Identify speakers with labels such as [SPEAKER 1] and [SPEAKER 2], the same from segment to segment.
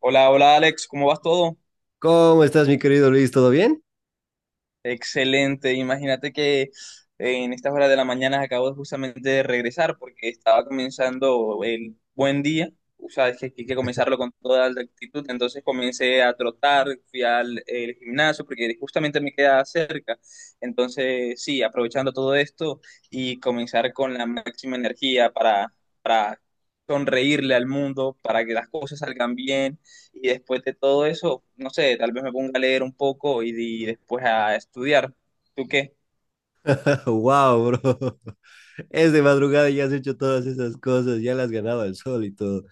[SPEAKER 1] Hola, hola Alex, ¿cómo vas todo?
[SPEAKER 2] ¿Cómo estás, mi querido Luis? ¿Todo bien?
[SPEAKER 1] Excelente, imagínate que en estas horas de la mañana acabo justamente de regresar porque estaba comenzando el buen día. O sea, es que hay que comenzarlo con toda la actitud, entonces comencé a trotar, fui al el gimnasio porque justamente me queda cerca. Entonces sí, aprovechando todo esto y comenzar con la máxima energía para sonreírle al mundo, para que las cosas salgan bien. Y después de todo eso, no sé, tal vez me ponga a leer un poco y después a estudiar. ¿Tú qué?
[SPEAKER 2] Wow, bro. Es de madrugada y ya has hecho todas esas cosas, ya las has ganado al sol y todo.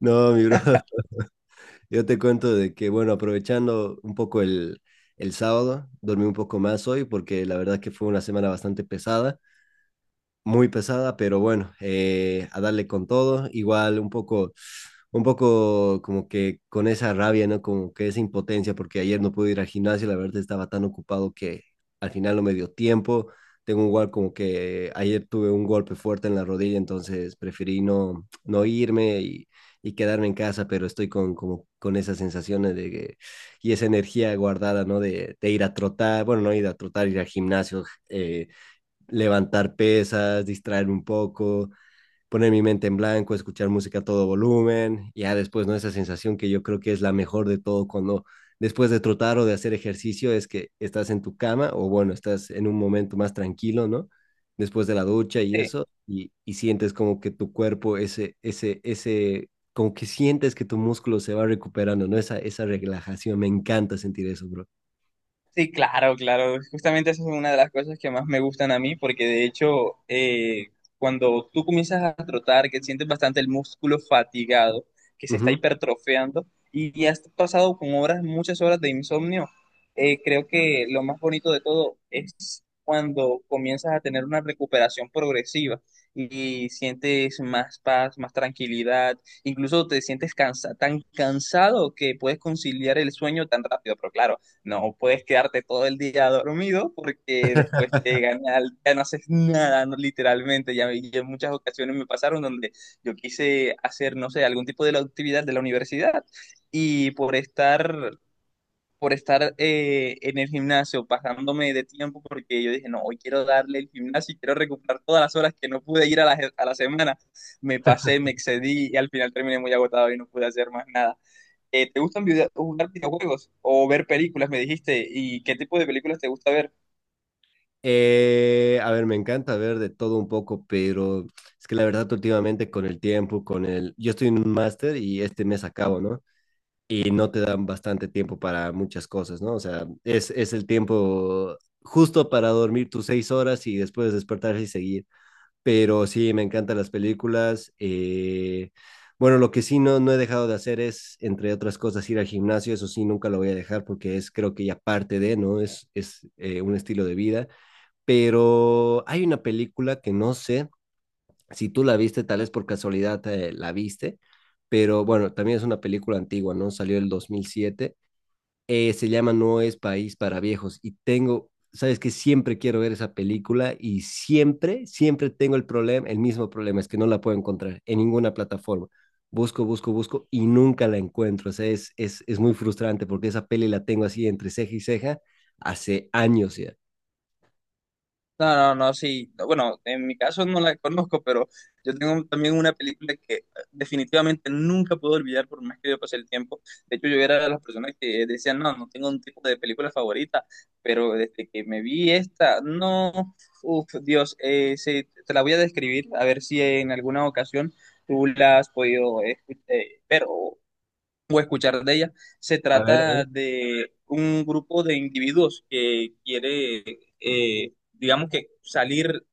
[SPEAKER 2] No, mi bro. Yo te cuento de que, bueno, aprovechando un poco el sábado, dormí un poco más hoy porque la verdad que fue una semana bastante pesada. Muy pesada, pero bueno, a darle con todo, igual un poco como que con esa rabia, ¿no? Como que esa impotencia, porque ayer no pude ir al gimnasio, la verdad estaba tan ocupado que al final no me dio tiempo. Tengo igual como que ayer tuve un golpe fuerte en la rodilla, entonces preferí no, no irme y quedarme en casa, pero estoy con, como, con esas sensaciones de que, y esa energía guardada, ¿no? De ir a trotar, bueno, no ir a trotar, ir al gimnasio, eh, levantar pesas, distraer un poco, poner mi mente en blanco, escuchar música a todo volumen, y ya después, ¿no? Esa sensación que yo creo que es la mejor de todo cuando después de trotar o de hacer ejercicio es que estás en tu cama o bueno, estás en un momento más tranquilo, ¿no? Después de la ducha y
[SPEAKER 1] Sí.
[SPEAKER 2] eso, y sientes como que tu cuerpo, como que sientes que tu músculo se va recuperando, ¿no? Esa relajación, me encanta sentir eso, bro.
[SPEAKER 1] Sí, claro, claro. Justamente esa es una de las cosas que más me gustan a mí, porque de hecho, cuando tú comienzas a trotar, que sientes bastante el músculo fatigado, que se
[SPEAKER 2] Uh
[SPEAKER 1] está
[SPEAKER 2] -huh.
[SPEAKER 1] hipertrofeando, y has pasado con horas, muchas horas de insomnio. Creo que lo más bonito de todo es cuando comienzas a tener una recuperación progresiva y sientes más paz, más tranquilidad, incluso te sientes cansa tan cansado que puedes conciliar el sueño tan rápido, pero claro. No puedes quedarte todo el día dormido porque después te gana, ya no haces nada, no, literalmente. Ya, ya en muchas ocasiones me pasaron donde yo quise hacer, no sé, algún tipo de la actividad de la universidad y por estar en el gimnasio pasándome de tiempo porque yo dije, no, hoy quiero darle el gimnasio y quiero recuperar todas las horas que no pude ir a la semana. Me pasé, me excedí y al final terminé muy agotado y no pude hacer más nada. ¿Te gustan jugar videojuegos o ver películas, me dijiste? ¿Y qué tipo de películas te gusta ver?
[SPEAKER 2] A ver, me encanta ver de todo un poco, pero es que la verdad últimamente con el tiempo, con el... Yo estoy en un máster y este mes acabo, ¿no? Y no te dan bastante tiempo para muchas cosas, ¿no? O sea, es el tiempo justo para dormir tus seis horas y después despertarse y seguir. Pero sí, me encantan las películas. Bueno, lo que sí no, no he dejado de hacer es, entre otras cosas, ir al gimnasio. Eso sí, nunca lo voy a dejar porque es, creo que ya parte de, ¿no? Es un estilo de vida, pero hay una película que no sé si tú la viste, tal vez por casualidad la viste, pero bueno, también es una película antigua, ¿no? Salió el 2007, se llama No es País para Viejos y tengo, sabes que siempre quiero ver esa película y siempre, siempre tengo el problema, el mismo problema, es que no la puedo encontrar en ninguna plataforma. Busco, busco, busco y nunca la encuentro. O sea, es muy frustrante porque esa peli la tengo así entre ceja y ceja hace años ya.
[SPEAKER 1] No, no, no, sí. No, bueno, en mi caso no la conozco, pero yo tengo también una película que definitivamente nunca puedo olvidar por más que yo pase el tiempo. De hecho, yo era de las personas que decían, no, no tengo un tipo de película favorita, pero desde que me vi esta, no, uff, Dios, sí, te la voy a describir, a ver si en alguna ocasión tú la has podido ver o escuchar de ella. Se
[SPEAKER 2] A ver, a
[SPEAKER 1] trata
[SPEAKER 2] ver.
[SPEAKER 1] de un grupo de individuos que quiere, digamos que salir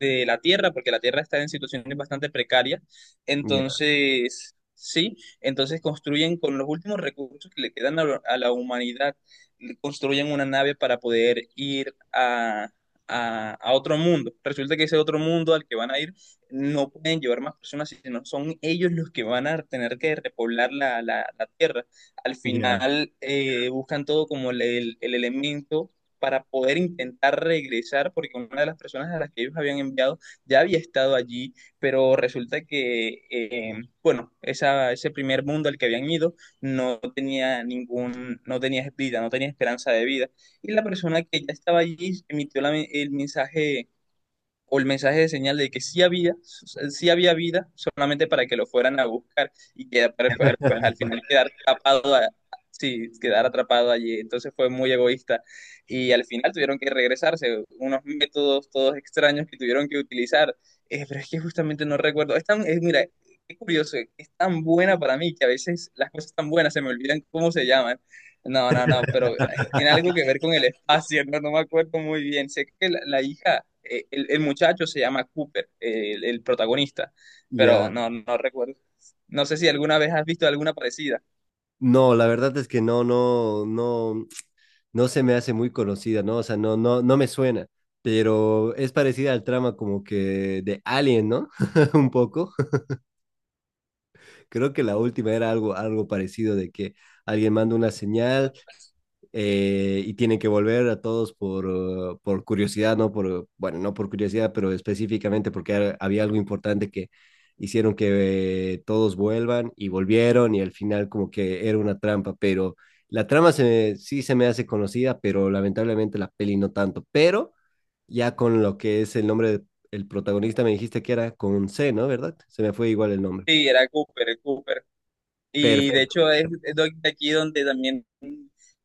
[SPEAKER 1] de la Tierra, porque la Tierra está en situaciones bastante precarias.
[SPEAKER 2] Ya,
[SPEAKER 1] Entonces, sí, entonces construyen con los últimos recursos que le quedan la a la humanidad, construyen una nave para poder ir a... a otro mundo. Resulta que ese otro mundo al que van a ir no pueden llevar más personas, sino son ellos los que van a tener que repoblar la tierra. Al
[SPEAKER 2] ya.
[SPEAKER 1] final buscan todo como el elemento para poder intentar regresar, porque una de las personas a las que ellos habían enviado ya había estado allí, pero resulta que, bueno, ese primer mundo al que habían ido no tenía ningún, no tenía vida, no tenía esperanza de vida. Y la persona que ya estaba allí emitió el mensaje o el mensaje de señal de que sí había vida, solamente para que lo fueran a buscar y que pues, pues, al final quedar atrapado, sí, quedar atrapado allí. Entonces fue muy egoísta y al final tuvieron que regresarse, unos métodos todos extraños que tuvieron que utilizar. Pero es que justamente no recuerdo. Mira, qué curioso, es tan buena para mí que a veces las cosas tan buenas se me olvidan cómo se llaman. No, no, no, pero tiene algo que ver con el espacio, no, no me acuerdo muy bien. Sé que la hija, muchacho se llama Cooper, protagonista, pero
[SPEAKER 2] Ya,
[SPEAKER 1] no, no recuerdo. No sé si alguna vez has visto alguna parecida.
[SPEAKER 2] no, la verdad es que no, no, no, no se me hace muy conocida, ¿no? O sea, no, no, no me suena, pero es parecida al trama como que de Alien, ¿no? Un poco. Creo que la última era algo, algo parecido de que alguien manda una señal y tienen que volver a todos por curiosidad, no por, bueno, no por curiosidad, pero específicamente porque había algo importante que hicieron que todos vuelvan y volvieron y al final como que era una trampa, pero la trama sí se me hace conocida, pero lamentablemente la peli no tanto, pero ya con lo que es el nombre del protagonista me dijiste que era con C, ¿no? ¿Verdad? Se me fue igual el nombre.
[SPEAKER 1] Sí, era Cooper, el Cooper. Y de
[SPEAKER 2] Perfecto.
[SPEAKER 1] hecho es de aquí donde también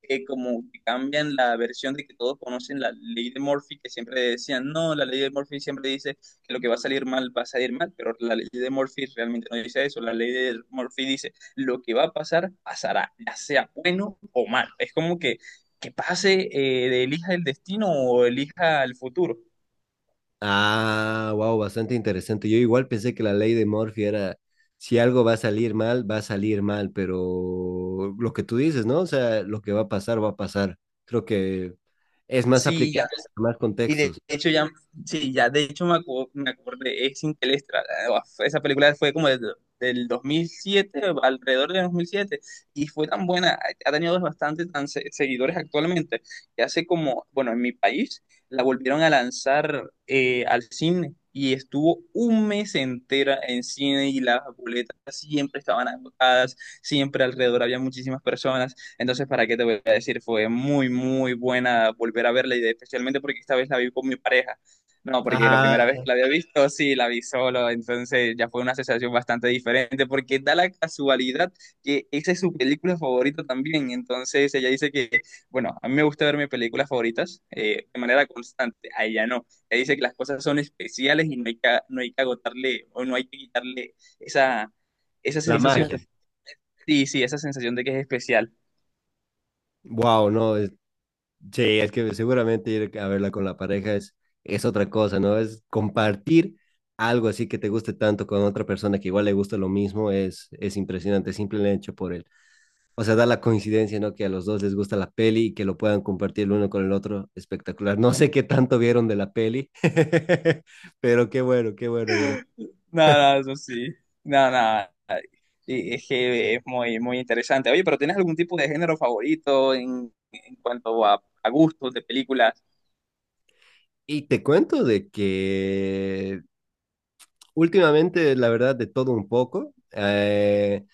[SPEAKER 1] como que cambian la versión de que todos conocen la ley de Murphy, que siempre decían, no, la ley de Murphy siempre dice que lo que va a salir mal va a salir mal, pero la ley de Murphy realmente no dice eso, la ley de Murphy dice, lo que va a pasar, pasará, ya sea bueno o mal. Es como que pase, de elija el destino o elija el futuro.
[SPEAKER 2] Ah, wow, bastante interesante. Yo igual pensé que la ley de Murphy era, si algo va a salir mal, va a salir mal, pero lo que tú dices, ¿no? O sea, lo que va a pasar, va a pasar. Creo que es más
[SPEAKER 1] Sí, ya.
[SPEAKER 2] aplicable en más
[SPEAKER 1] Y de
[SPEAKER 2] contextos.
[SPEAKER 1] hecho ya, sí, ya de hecho me acordé, es Interestelar. Ah, esa película fue como del 2007, alrededor del 2007, y fue tan buena, ha tenido bastantes seguidores actualmente, que hace como, bueno, en mi país la volvieron a lanzar al cine, y estuvo un mes entera en cine, y las boletas siempre estaban agotadas, siempre alrededor había muchísimas personas. Entonces, ¿para qué te voy a decir? Fue muy, muy buena volver a verla y especialmente porque esta vez la vi con mi pareja. No, porque la
[SPEAKER 2] Ah,
[SPEAKER 1] primera vez que la había visto, sí, la vi solo, entonces ya fue una sensación bastante diferente porque da la casualidad que esa es su película favorita también. Entonces ella dice que, bueno, a mí me gusta ver mis películas favoritas de manera constante, a ella no. Ella dice que las cosas son especiales y no hay que, no hay que agotarle o no hay que quitarle esa, esa
[SPEAKER 2] la
[SPEAKER 1] sensación.
[SPEAKER 2] magia.
[SPEAKER 1] Sí, sí, esa sensación de que es especial.
[SPEAKER 2] Wow, no, sí, es que seguramente ir a verla con la pareja es otra cosa, ¿no? Es compartir algo así que te guste tanto con otra persona que igual le gusta lo mismo, es impresionante, simple hecho por él. O sea, da la coincidencia, ¿no? Que a los dos les gusta la peli y que lo puedan compartir el uno con el otro. Espectacular. No sé qué tanto vieron de la peli, pero qué bueno vieron.
[SPEAKER 1] Nada, eso sí. Nada, nada. Y es que es muy, muy interesante. Oye, pero ¿tienes algún tipo de género favorito en cuanto a gustos de películas?
[SPEAKER 2] Y te cuento de que últimamente, la verdad, de todo un poco.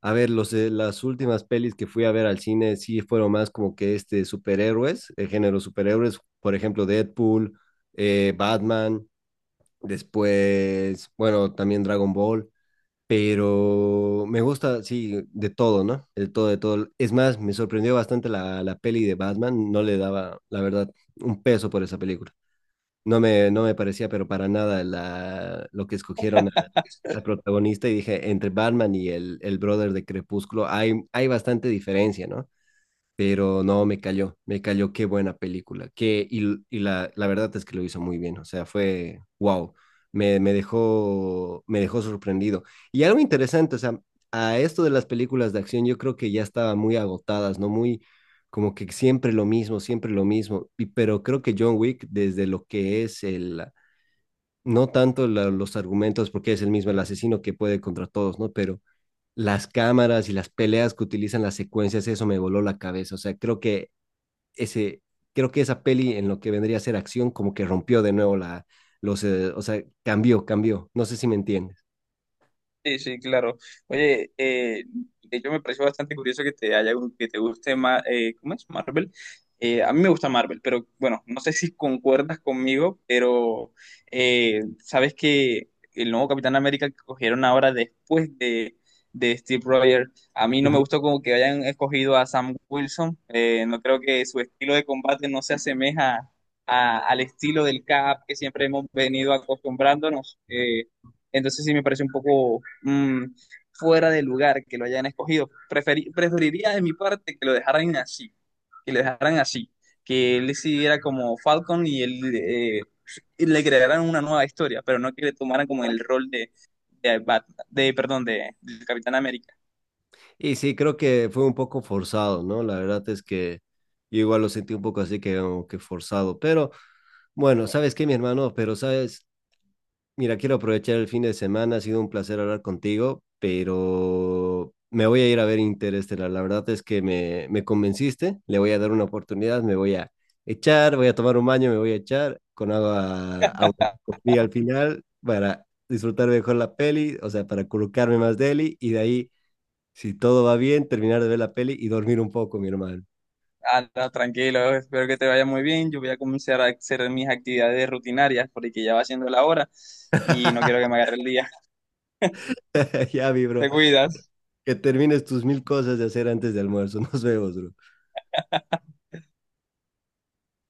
[SPEAKER 2] A ver, las últimas pelis que fui a ver al cine sí fueron más como que este superhéroes, el género superhéroes, por ejemplo, Deadpool, Batman, después, bueno, también Dragon Ball. Pero me gusta, sí, de todo, ¿no? De todo, de todo. Es más, me sorprendió bastante la peli de Batman. No le daba, la verdad, un peso por esa película. No me, no me parecía, pero para nada, lo que escogieron al protagonista. Y dije, entre Batman y el brother de Crepúsculo hay, hay bastante diferencia, ¿no? Pero no, me cayó, qué buena película. Que, y la verdad es que lo hizo muy bien, o sea, fue wow, me, me dejó sorprendido. Y algo interesante, o sea, a esto de las películas de acción yo creo que ya estaban muy agotadas, ¿no? Muy como que siempre lo mismo, siempre lo mismo. Y, pero creo que John Wick, desde lo que es el, no tanto los argumentos, porque es el mismo el asesino que puede contra todos, ¿no? Pero las cámaras y las peleas que utilizan las secuencias, eso me voló la cabeza. O sea, creo que ese, creo que esa peli en lo que vendría a ser acción como que rompió de nuevo la, o sea, cambió, cambió, no sé si me entiendes.
[SPEAKER 1] Sí, sí, claro. Oye, de hecho me pareció bastante curioso que te haya, que te guste más, ¿cómo es? Marvel. A mí me gusta Marvel, pero bueno, no sé si concuerdas conmigo, pero sabes que el nuevo Capitán América que cogieron ahora después de Steve Rogers, a mí no me
[SPEAKER 2] Ujú.
[SPEAKER 1] gustó como que hayan escogido a Sam Wilson. No creo que su estilo de combate no se asemeja al estilo del Cap que siempre hemos venido acostumbrándonos. Entonces sí me parece un poco fuera de lugar que lo hayan escogido. Preferiría de mi parte que lo dejaran así, que lo dejaran así, que él siguiera como Falcon y él y le crearan una nueva historia, pero no que le tomaran como el rol de Batman, de, perdón, de Capitán América.
[SPEAKER 2] Y sí, creo que fue un poco forzado, ¿no? La verdad es que yo igual lo sentí un poco así que, como que forzado, pero bueno, ¿sabes qué, mi hermano? Pero sabes, mira, quiero aprovechar el fin de semana, ha sido un placer hablar contigo, pero me voy a ir a ver Interestelar. La verdad es que me convenciste, le voy a dar una oportunidad, me voy a echar, voy a tomar un baño, me voy a echar con agua, con fría al final para disfrutar mejor la peli, o sea, para colocarme más deli y de ahí, si todo va bien, terminar de ver la peli y dormir un poco, mi hermano.
[SPEAKER 1] Ah, no, tranquilo, espero que te vaya muy bien. Yo voy a comenzar a hacer mis actividades rutinarias porque ya va siendo la hora y no quiero que me agarre el día.
[SPEAKER 2] Ya, mi bro,
[SPEAKER 1] Te cuidas.
[SPEAKER 2] que termines tus mil cosas de hacer antes de almuerzo. Nos vemos, bro.